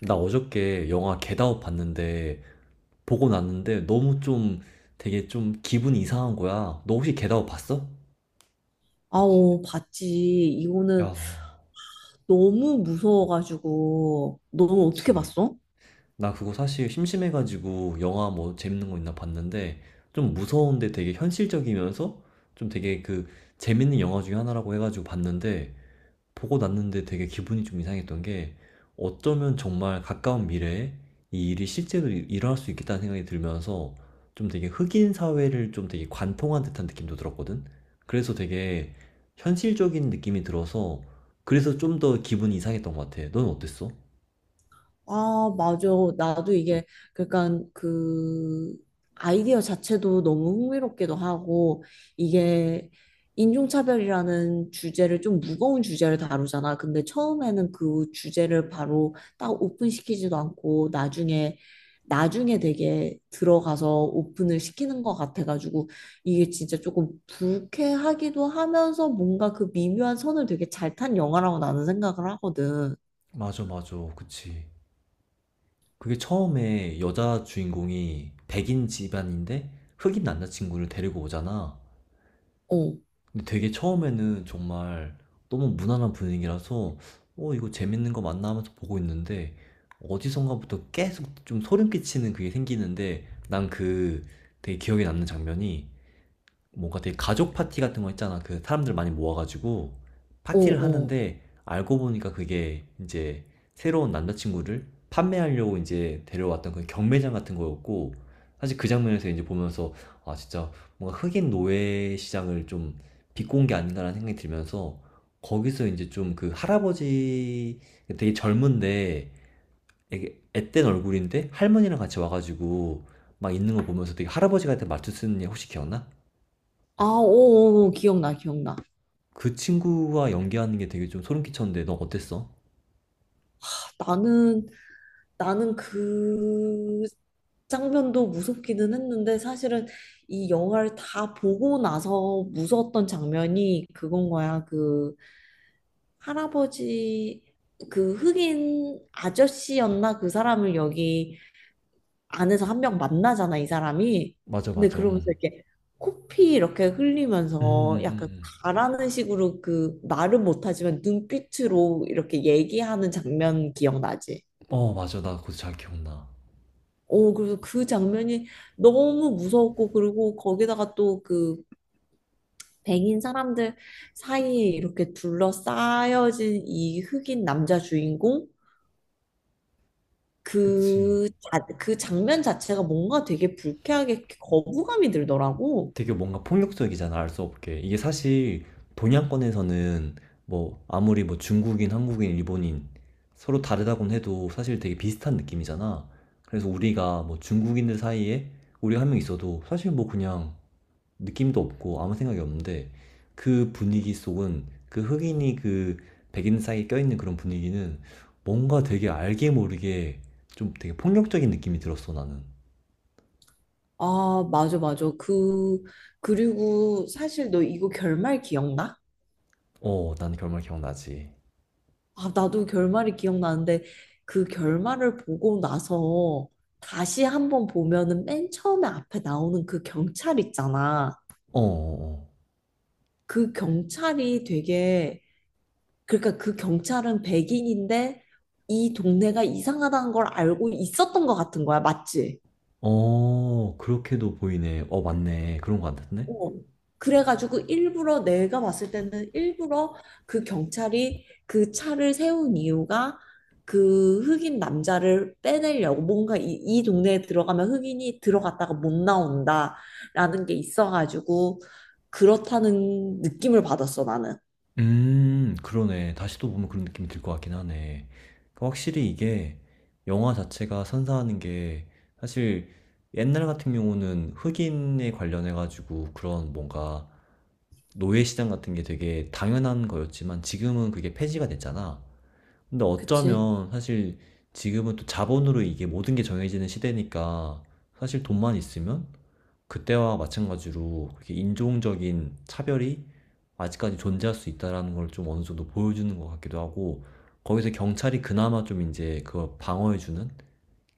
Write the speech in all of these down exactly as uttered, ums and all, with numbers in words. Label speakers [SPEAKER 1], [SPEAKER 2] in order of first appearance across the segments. [SPEAKER 1] 나 어저께 영화 겟아웃 봤는데 보고 났는데 너무 좀 되게 좀 기분이 이상한 거야. 너 혹시 겟아웃 봤어?
[SPEAKER 2] 아오, 봤지. 이거는
[SPEAKER 1] 야,
[SPEAKER 2] 너무 무서워가지고. 너는 어떻게
[SPEAKER 1] 그치.
[SPEAKER 2] 봤어?
[SPEAKER 1] 나 그거 사실 심심해가지고 영화 뭐 재밌는 거 있나 봤는데 좀 무서운데 되게 현실적이면서 좀 되게 그 재밌는 영화 중에 하나라고 해가지고 봤는데 보고 났는데 되게 기분이 좀 이상했던 게 어쩌면 정말 가까운 미래에 이 일이 실제로 일- 어날 수 있겠다는 생각이 들면서 좀 되게 흑인 사회를 좀 되게 관통한 듯한 느낌도 들었거든. 그래서 되게 현실적인 느낌이 들어서 그래서 좀 더 기분이 이상했던 것 같아. 넌 어땠어?
[SPEAKER 2] 아, 맞아. 나도 이게, 그러니까 그 아이디어 자체도 너무 흥미롭기도 하고, 이게 인종차별이라는 주제를, 좀 무거운 주제를 다루잖아. 근데 처음에는 그 주제를 바로 딱 오픈시키지도 않고, 나중에, 나중에 되게 들어가서 오픈을 시키는 것 같아가지고, 이게 진짜 조금 불쾌하기도 하면서 뭔가 그 미묘한 선을 되게 잘 탄 영화라고 나는 생각을 하거든.
[SPEAKER 1] 맞아, 맞아. 그치. 그게 처음에 여자 주인공이 백인 집안인데 흑인 남자친구를 데리고 오잖아.
[SPEAKER 2] 어,
[SPEAKER 1] 근데 되게 처음에는 정말 너무 무난한 분위기라서 어 이거 재밌는 거 맞나 하면서 보고 있는데 어디선가부터 계속 좀 소름 끼치는 그게 생기는데 난 그 되게 기억에 남는 장면이 뭔가 되게 가족 파티 같은 거 있잖아. 그 사람들 많이 모아가지고
[SPEAKER 2] 어,
[SPEAKER 1] 파티를
[SPEAKER 2] 어.
[SPEAKER 1] 하는데 알고 보니까 그게 이제 새로운 남자친구를 판매하려고 이제 데려왔던 그 경매장 같은 거였고 사실 그 장면에서 이제 보면서 아 진짜 뭔가 흑인 노예 시장을 좀 비꼰 게 아닌가라는 생각이 들면서 거기서 이제 좀 그 할아버지 되게 젊은데 되게 앳된 얼굴인데 할머니랑 같이 와가지고 막 있는 거 보면서 되게 할아버지 같은 말투 쓰는 애 혹시 기억나?
[SPEAKER 2] 아, 오, 오, 오, 기억나, 기억나.
[SPEAKER 1] 그 친구와 연기하는 게 되게 좀 소름 끼쳤는데 너 어땠어?
[SPEAKER 2] 나는, 나는 그 장면도 무섭기는 했는데 사실은 이 영화를 다 보고 나서 무서웠던 장면이 그건 거야. 그 할아버지, 그 흑인 아저씨였나? 그 사람을 여기 안에서 한 명 만나잖아, 이 사람이.
[SPEAKER 1] 맞아,
[SPEAKER 2] 근데
[SPEAKER 1] 맞아.
[SPEAKER 2] 그러면서
[SPEAKER 1] 음.
[SPEAKER 2] 이렇게 코피 이렇게
[SPEAKER 1] 음,
[SPEAKER 2] 흘리면서
[SPEAKER 1] 음, 음,
[SPEAKER 2] 약간
[SPEAKER 1] 음.
[SPEAKER 2] 가라는 식으로, 그 말은 못하지만 눈빛으로 이렇게 얘기하는 장면 기억나지?
[SPEAKER 1] 어, 맞아. 나 그거 잘 기억나.
[SPEAKER 2] 오, 그래서 그 장면이 너무 무서웠고, 그리고 거기다가 또 그 백인 사람들 사이에 이렇게 둘러싸여진 이 흑인 남자 주인공?
[SPEAKER 1] 그치.
[SPEAKER 2] 그, 자, 그 장면 자체가 뭔가 되게 불쾌하게 거부감이 들더라고.
[SPEAKER 1] 되게 뭔가 폭력적이잖아, 알 수 없게. 이게 사실 동양권에서는 뭐 아무리 뭐 중국인, 한국인, 일본인 서로 다르다곤 해도 사실 되게 비슷한 느낌이잖아. 그래서 우리가 뭐 중국인들 사이에 우리 한 명 있어도 사실 뭐 그냥 느낌도 없고 아무 생각이 없는데 그 분위기 속은 그 흑인이 그 백인 사이에 껴있는 그런 분위기는 뭔가 되게 알게 모르게 좀 되게 폭력적인 느낌이 들었어, 나는.
[SPEAKER 2] 아, 맞아, 맞아. 그, 그리고 사실 너 이거 결말 기억나?
[SPEAKER 1] 어, 난 결말 기억나지.
[SPEAKER 2] 아, 나도 결말이 기억나는데 그 결말을 보고 나서 다시 한번 보면은 맨 처음에 앞에 나오는 그 경찰 있잖아.
[SPEAKER 1] 어, 어,
[SPEAKER 2] 그 경찰이 되게, 그러니까 그 경찰은 백인인데 이 동네가 이상하다는 걸 알고 있었던 것 같은 거야. 맞지?
[SPEAKER 1] 어. 어, 그렇게도 보이네. 어, 맞네. 그런 거 같은데?
[SPEAKER 2] 어, 그래가지고 일부러 내가 봤을 때는 일부러 그 경찰이 그 차를 세운 이유가 그 흑인 남자를 빼내려고, 뭔가 이, 이 동네에 들어가면 흑인이 들어갔다가 못 나온다라는 게 있어가지고, 그렇다는 느낌을 받았어 나는.
[SPEAKER 1] 음 그러네. 다시 또 보면 그런 느낌이 들 것 같긴 하네. 그러니까 확실히 이게 영화 자체가 선사하는 게 사실 옛날 같은 경우는 흑인에 관련해 가지고 그런 뭔가 노예 시장 같은 게 되게 당연한 거였지만 지금은 그게 폐지가 됐잖아. 근데
[SPEAKER 2] 그치?
[SPEAKER 1] 어쩌면 사실 지금은 또 자본으로 이게 모든 게 정해지는 시대니까 사실 돈만 있으면 그때와 마찬가지로 그렇게 인종적인 차별이 아직까지 존재할 수 있다라는 걸 좀 어느 정도 보여주는 것 같기도 하고 거기서 경찰이 그나마 좀 이제 그걸 방어해주는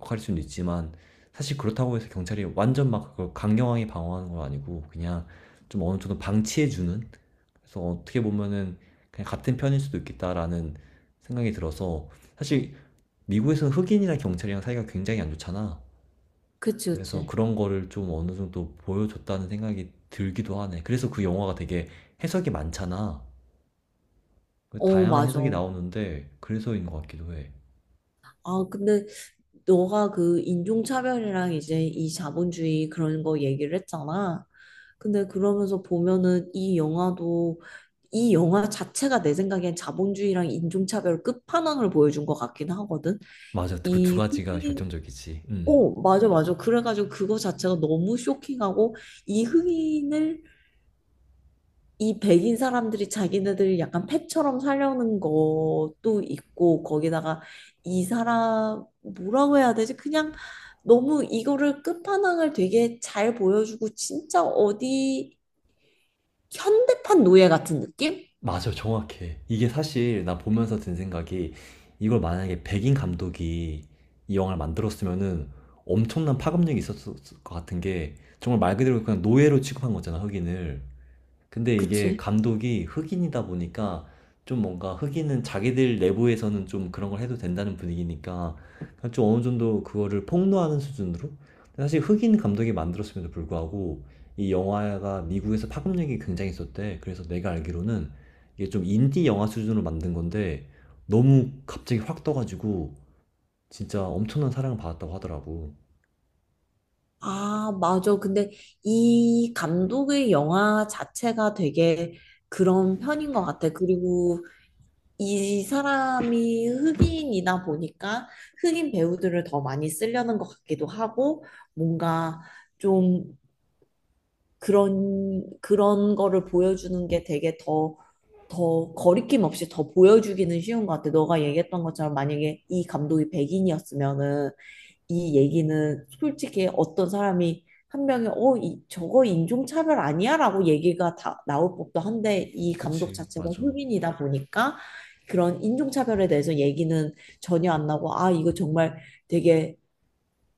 [SPEAKER 1] 역할일 수는 있지만 사실 그렇다고 해서 경찰이 완전 막 그걸 강경하게 방어하는 건 아니고 그냥 좀 어느 정도 방치해주는 그래서 어떻게 보면은 그냥 같은 편일 수도 있겠다라는 생각이 들어서 사실 미국에서는 흑인이랑 경찰이랑 사이가 굉장히 안 좋잖아.
[SPEAKER 2] 그치,
[SPEAKER 1] 그래서
[SPEAKER 2] 그치.
[SPEAKER 1] 그런 거를 좀 어느 정도 보여줬다는 생각이 들기도 하네. 그래서 그 영화가 되게 해석이 많잖아. 그
[SPEAKER 2] 어,
[SPEAKER 1] 다양한
[SPEAKER 2] 맞아.
[SPEAKER 1] 해석이 나오는데 그래서인 것 같기도 해.
[SPEAKER 2] 아, 근데 너가 그 인종차별이랑 이제 이 자본주의 그런 거 얘기를 했잖아. 근데 그러면서 보면은 이 영화도 이 영화 자체가 내 생각엔 자본주의랑 인종차별 끝판왕을 보여준 것 같긴 하거든.
[SPEAKER 1] 맞아, 그 두
[SPEAKER 2] 이
[SPEAKER 1] 가지가
[SPEAKER 2] 흑인,
[SPEAKER 1] 결정적이지. 음,
[SPEAKER 2] 어, 맞아, 맞아. 그래가지고 그거 자체가 너무 쇼킹하고, 이 흑인을, 이 백인 사람들이 자기네들 약간 펫처럼 살려는 것도 있고. 거기다가 이 사람 뭐라고 해야 되지? 그냥 너무 이거를 끝판왕을 되게 잘 보여주고, 진짜 어디 현대판 노예 같은 느낌?
[SPEAKER 1] 맞아, 정확해. 이게 사실 나 보면서 든 생각이 이걸 만약에 백인 감독이 이 영화를 만들었으면은 엄청난 파급력이 있었을 것 같은 게 정말 말 그대로 그냥 노예로 취급한 거잖아, 흑인을. 근데 이게
[SPEAKER 2] 그치?
[SPEAKER 1] 감독이 흑인이다 보니까 좀 뭔가 흑인은 자기들 내부에서는 좀 그런 걸 해도 된다는 분위기니까 그냥 좀 어느 정도 그거를 폭로하는 수준으로 근데 사실 흑인 감독이 만들었음에도 불구하고 이 영화가 미국에서 파급력이 굉장히 있었대. 그래서 내가 알기로는 이게 좀 인디 영화 수준으로 만든 건데 너무 갑자기 확 떠가지고 진짜 엄청난 사랑을 받았다고 하더라고.
[SPEAKER 2] 아, 맞아. 근데 이 감독의 영화 자체가 되게 그런 편인 것 같아. 그리고 이 사람이 흑인이다 보니까 흑인 배우들을 더 많이 쓰려는 것 같기도 하고, 뭔가 좀 그런 그런 거를 보여주는 게 되게 더 더 거리낌 없이 더 보여주기는 쉬운 것 같아. 너가 얘기했던 것처럼 만약에 이 감독이 백인이었으면은, 이 얘기는 솔직히 어떤 사람이 한 명이 어, 이, 저거 인종차별 아니야? 라고 얘기가 다 나올 법도 한데, 이 감독
[SPEAKER 1] 그치.
[SPEAKER 2] 자체가
[SPEAKER 1] 맞아.
[SPEAKER 2] 흑인이다 보니까 그런 인종차별에 대해서 얘기는 전혀 안 나고, 아, 이거 정말 되게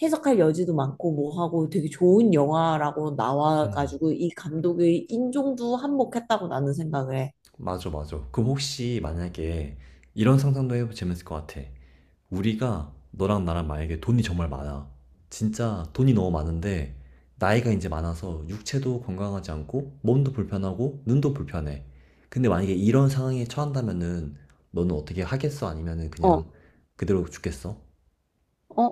[SPEAKER 2] 해석할 여지도 많고 뭐 하고 되게 좋은 영화라고
[SPEAKER 1] 음.
[SPEAKER 2] 나와가지고 이 감독의 인종도 한몫했다고 나는 생각을 해.
[SPEAKER 1] 맞아, 맞아. 그럼 혹시 만약에 이런 상상도 해보면 재밌을 것 같아. 우리가 너랑 나랑 만약에 돈이 정말 많아. 진짜 돈이 너무 많은데 나이가 이제 많아서 육체도 건강하지 않고 몸도 불편하고 눈도 불편해. 근데 만약에 이런 상황에 처한다면은 너는 어떻게 하겠어? 아니면은
[SPEAKER 2] 어,
[SPEAKER 1] 그냥 그대로 죽겠어?
[SPEAKER 2] 어,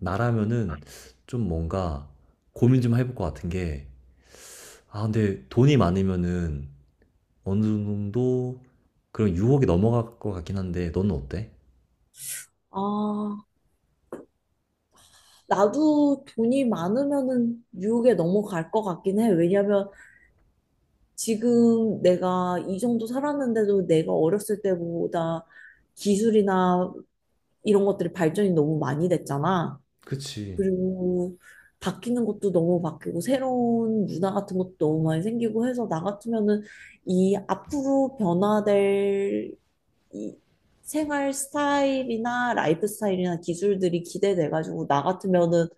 [SPEAKER 1] 나라면은 좀 뭔가 고민 좀 해볼 것 같은 게 아, 근데 돈이 많으면은 어느 정도 그런 유혹이 넘어갈 것 같긴 한데 너는 어때?
[SPEAKER 2] 아, 나도 돈이 많으면은 뉴욕에 넘어갈 것 같긴 해. 왜냐면 지금 내가 이 정도 살았는데도 내가 어렸을 때보다 기술이나 이런 것들이 발전이 너무 많이 됐잖아.
[SPEAKER 1] 그치.
[SPEAKER 2] 그리고 바뀌는 것도 너무 바뀌고 새로운 문화 같은 것도 너무 많이 생기고 해서 나 같으면은 이 앞으로 변화될 이 생활 스타일이나 라이프 스타일이나 기술들이 기대돼가지고 나 같으면은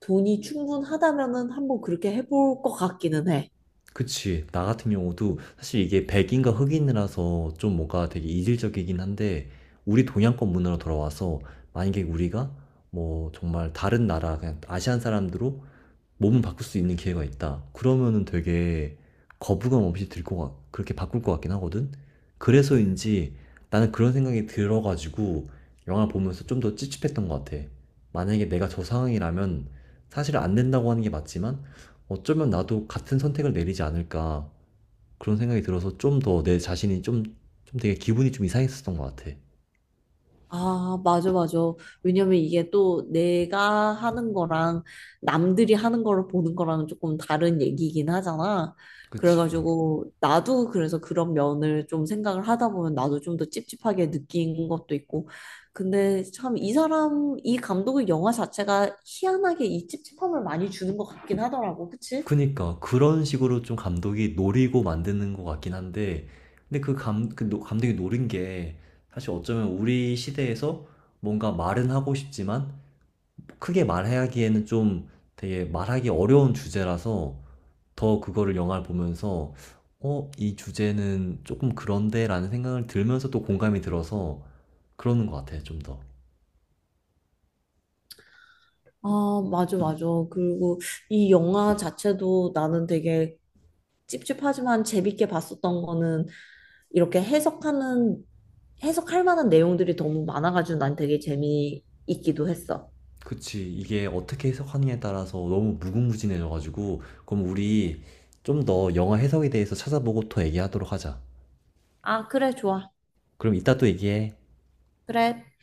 [SPEAKER 2] 돈이 충분하다면은 한번 그렇게 해볼 것 같기는 해.
[SPEAKER 1] 그치. 나 같은 경우도
[SPEAKER 2] 응.
[SPEAKER 1] 사실 이게 백인과 흑인이라서 좀 뭔가 되게 이질적이긴 한데, 우리 동양권 문화로 돌아와서, 만약에 우리가 뭐 정말 다른 나라, 그냥 아시안 사람들로 몸을 바꿀 수 있는 기회가 있다. 그러면은 되게 거부감 없이 들 것 같, 그렇게 바꿀 것 같긴 하거든? 그래서인지 나는 그런 생각이 들어가지고 영화 보면서 좀 더 찝찝했던 것 같아. 만약에 내가 저 상황이라면 사실 안 된다고 하는 게 맞지만 어쩌면 나도 같은 선택을 내리지 않을까 그런 생각이 들어서 좀 더 내 자신이 좀, 좀 되게 기분이 좀 이상했었던 것 같아.
[SPEAKER 2] 아, 맞아, 맞아. 왜냐면 이게 또 내가 하는 거랑 남들이 하는 거를 보는 거랑 조금 다른 얘기이긴 하잖아.
[SPEAKER 1] 그치.
[SPEAKER 2] 그래가지고 나도 그래서 그런 면을 좀 생각을 하다 보면 나도 좀 더 찝찝하게 느낀 것도 있고. 근데 참 이 사람, 이 감독의 영화 자체가 희한하게 이 찝찝함을 많이 주는 것 같긴 하더라고. 그치?
[SPEAKER 1] 그니까 그런 식으로 좀 감독이 노리고 만드는 것 같긴 한데 근데 그 감, 그 노- 감독이 노린 게 사실 어쩌면 우리 시대에서 뭔가 말은 하고 싶지만 크게 말하기에는 좀 되게 말하기 어려운 주제라서 더 그거를 영화를 보면서 어, 이 주제는 조금 그런데라는 생각을 들면서 또 공감이 들어서 그러는 것 같아요, 좀 더.
[SPEAKER 2] 아, 맞아, 맞아. 그리고 이 영화 자체도 나는 되게 찝찝하지만 재밌게 봤었던 거는 이렇게 해석하는, 해석할 만한 내용들이 너무 많아가지고 난 되게 재미있기도 했어.
[SPEAKER 1] 그치. 이게 어떻게 해석하느냐에 따라서 너무 무궁무진해져가지고, 그럼 우리 좀 더 영화 해석에 대해서 찾아보고 더 얘기하도록 하자.
[SPEAKER 2] 아, 그래, 좋아.
[SPEAKER 1] 그럼 이따 또 얘기해.
[SPEAKER 2] 그래.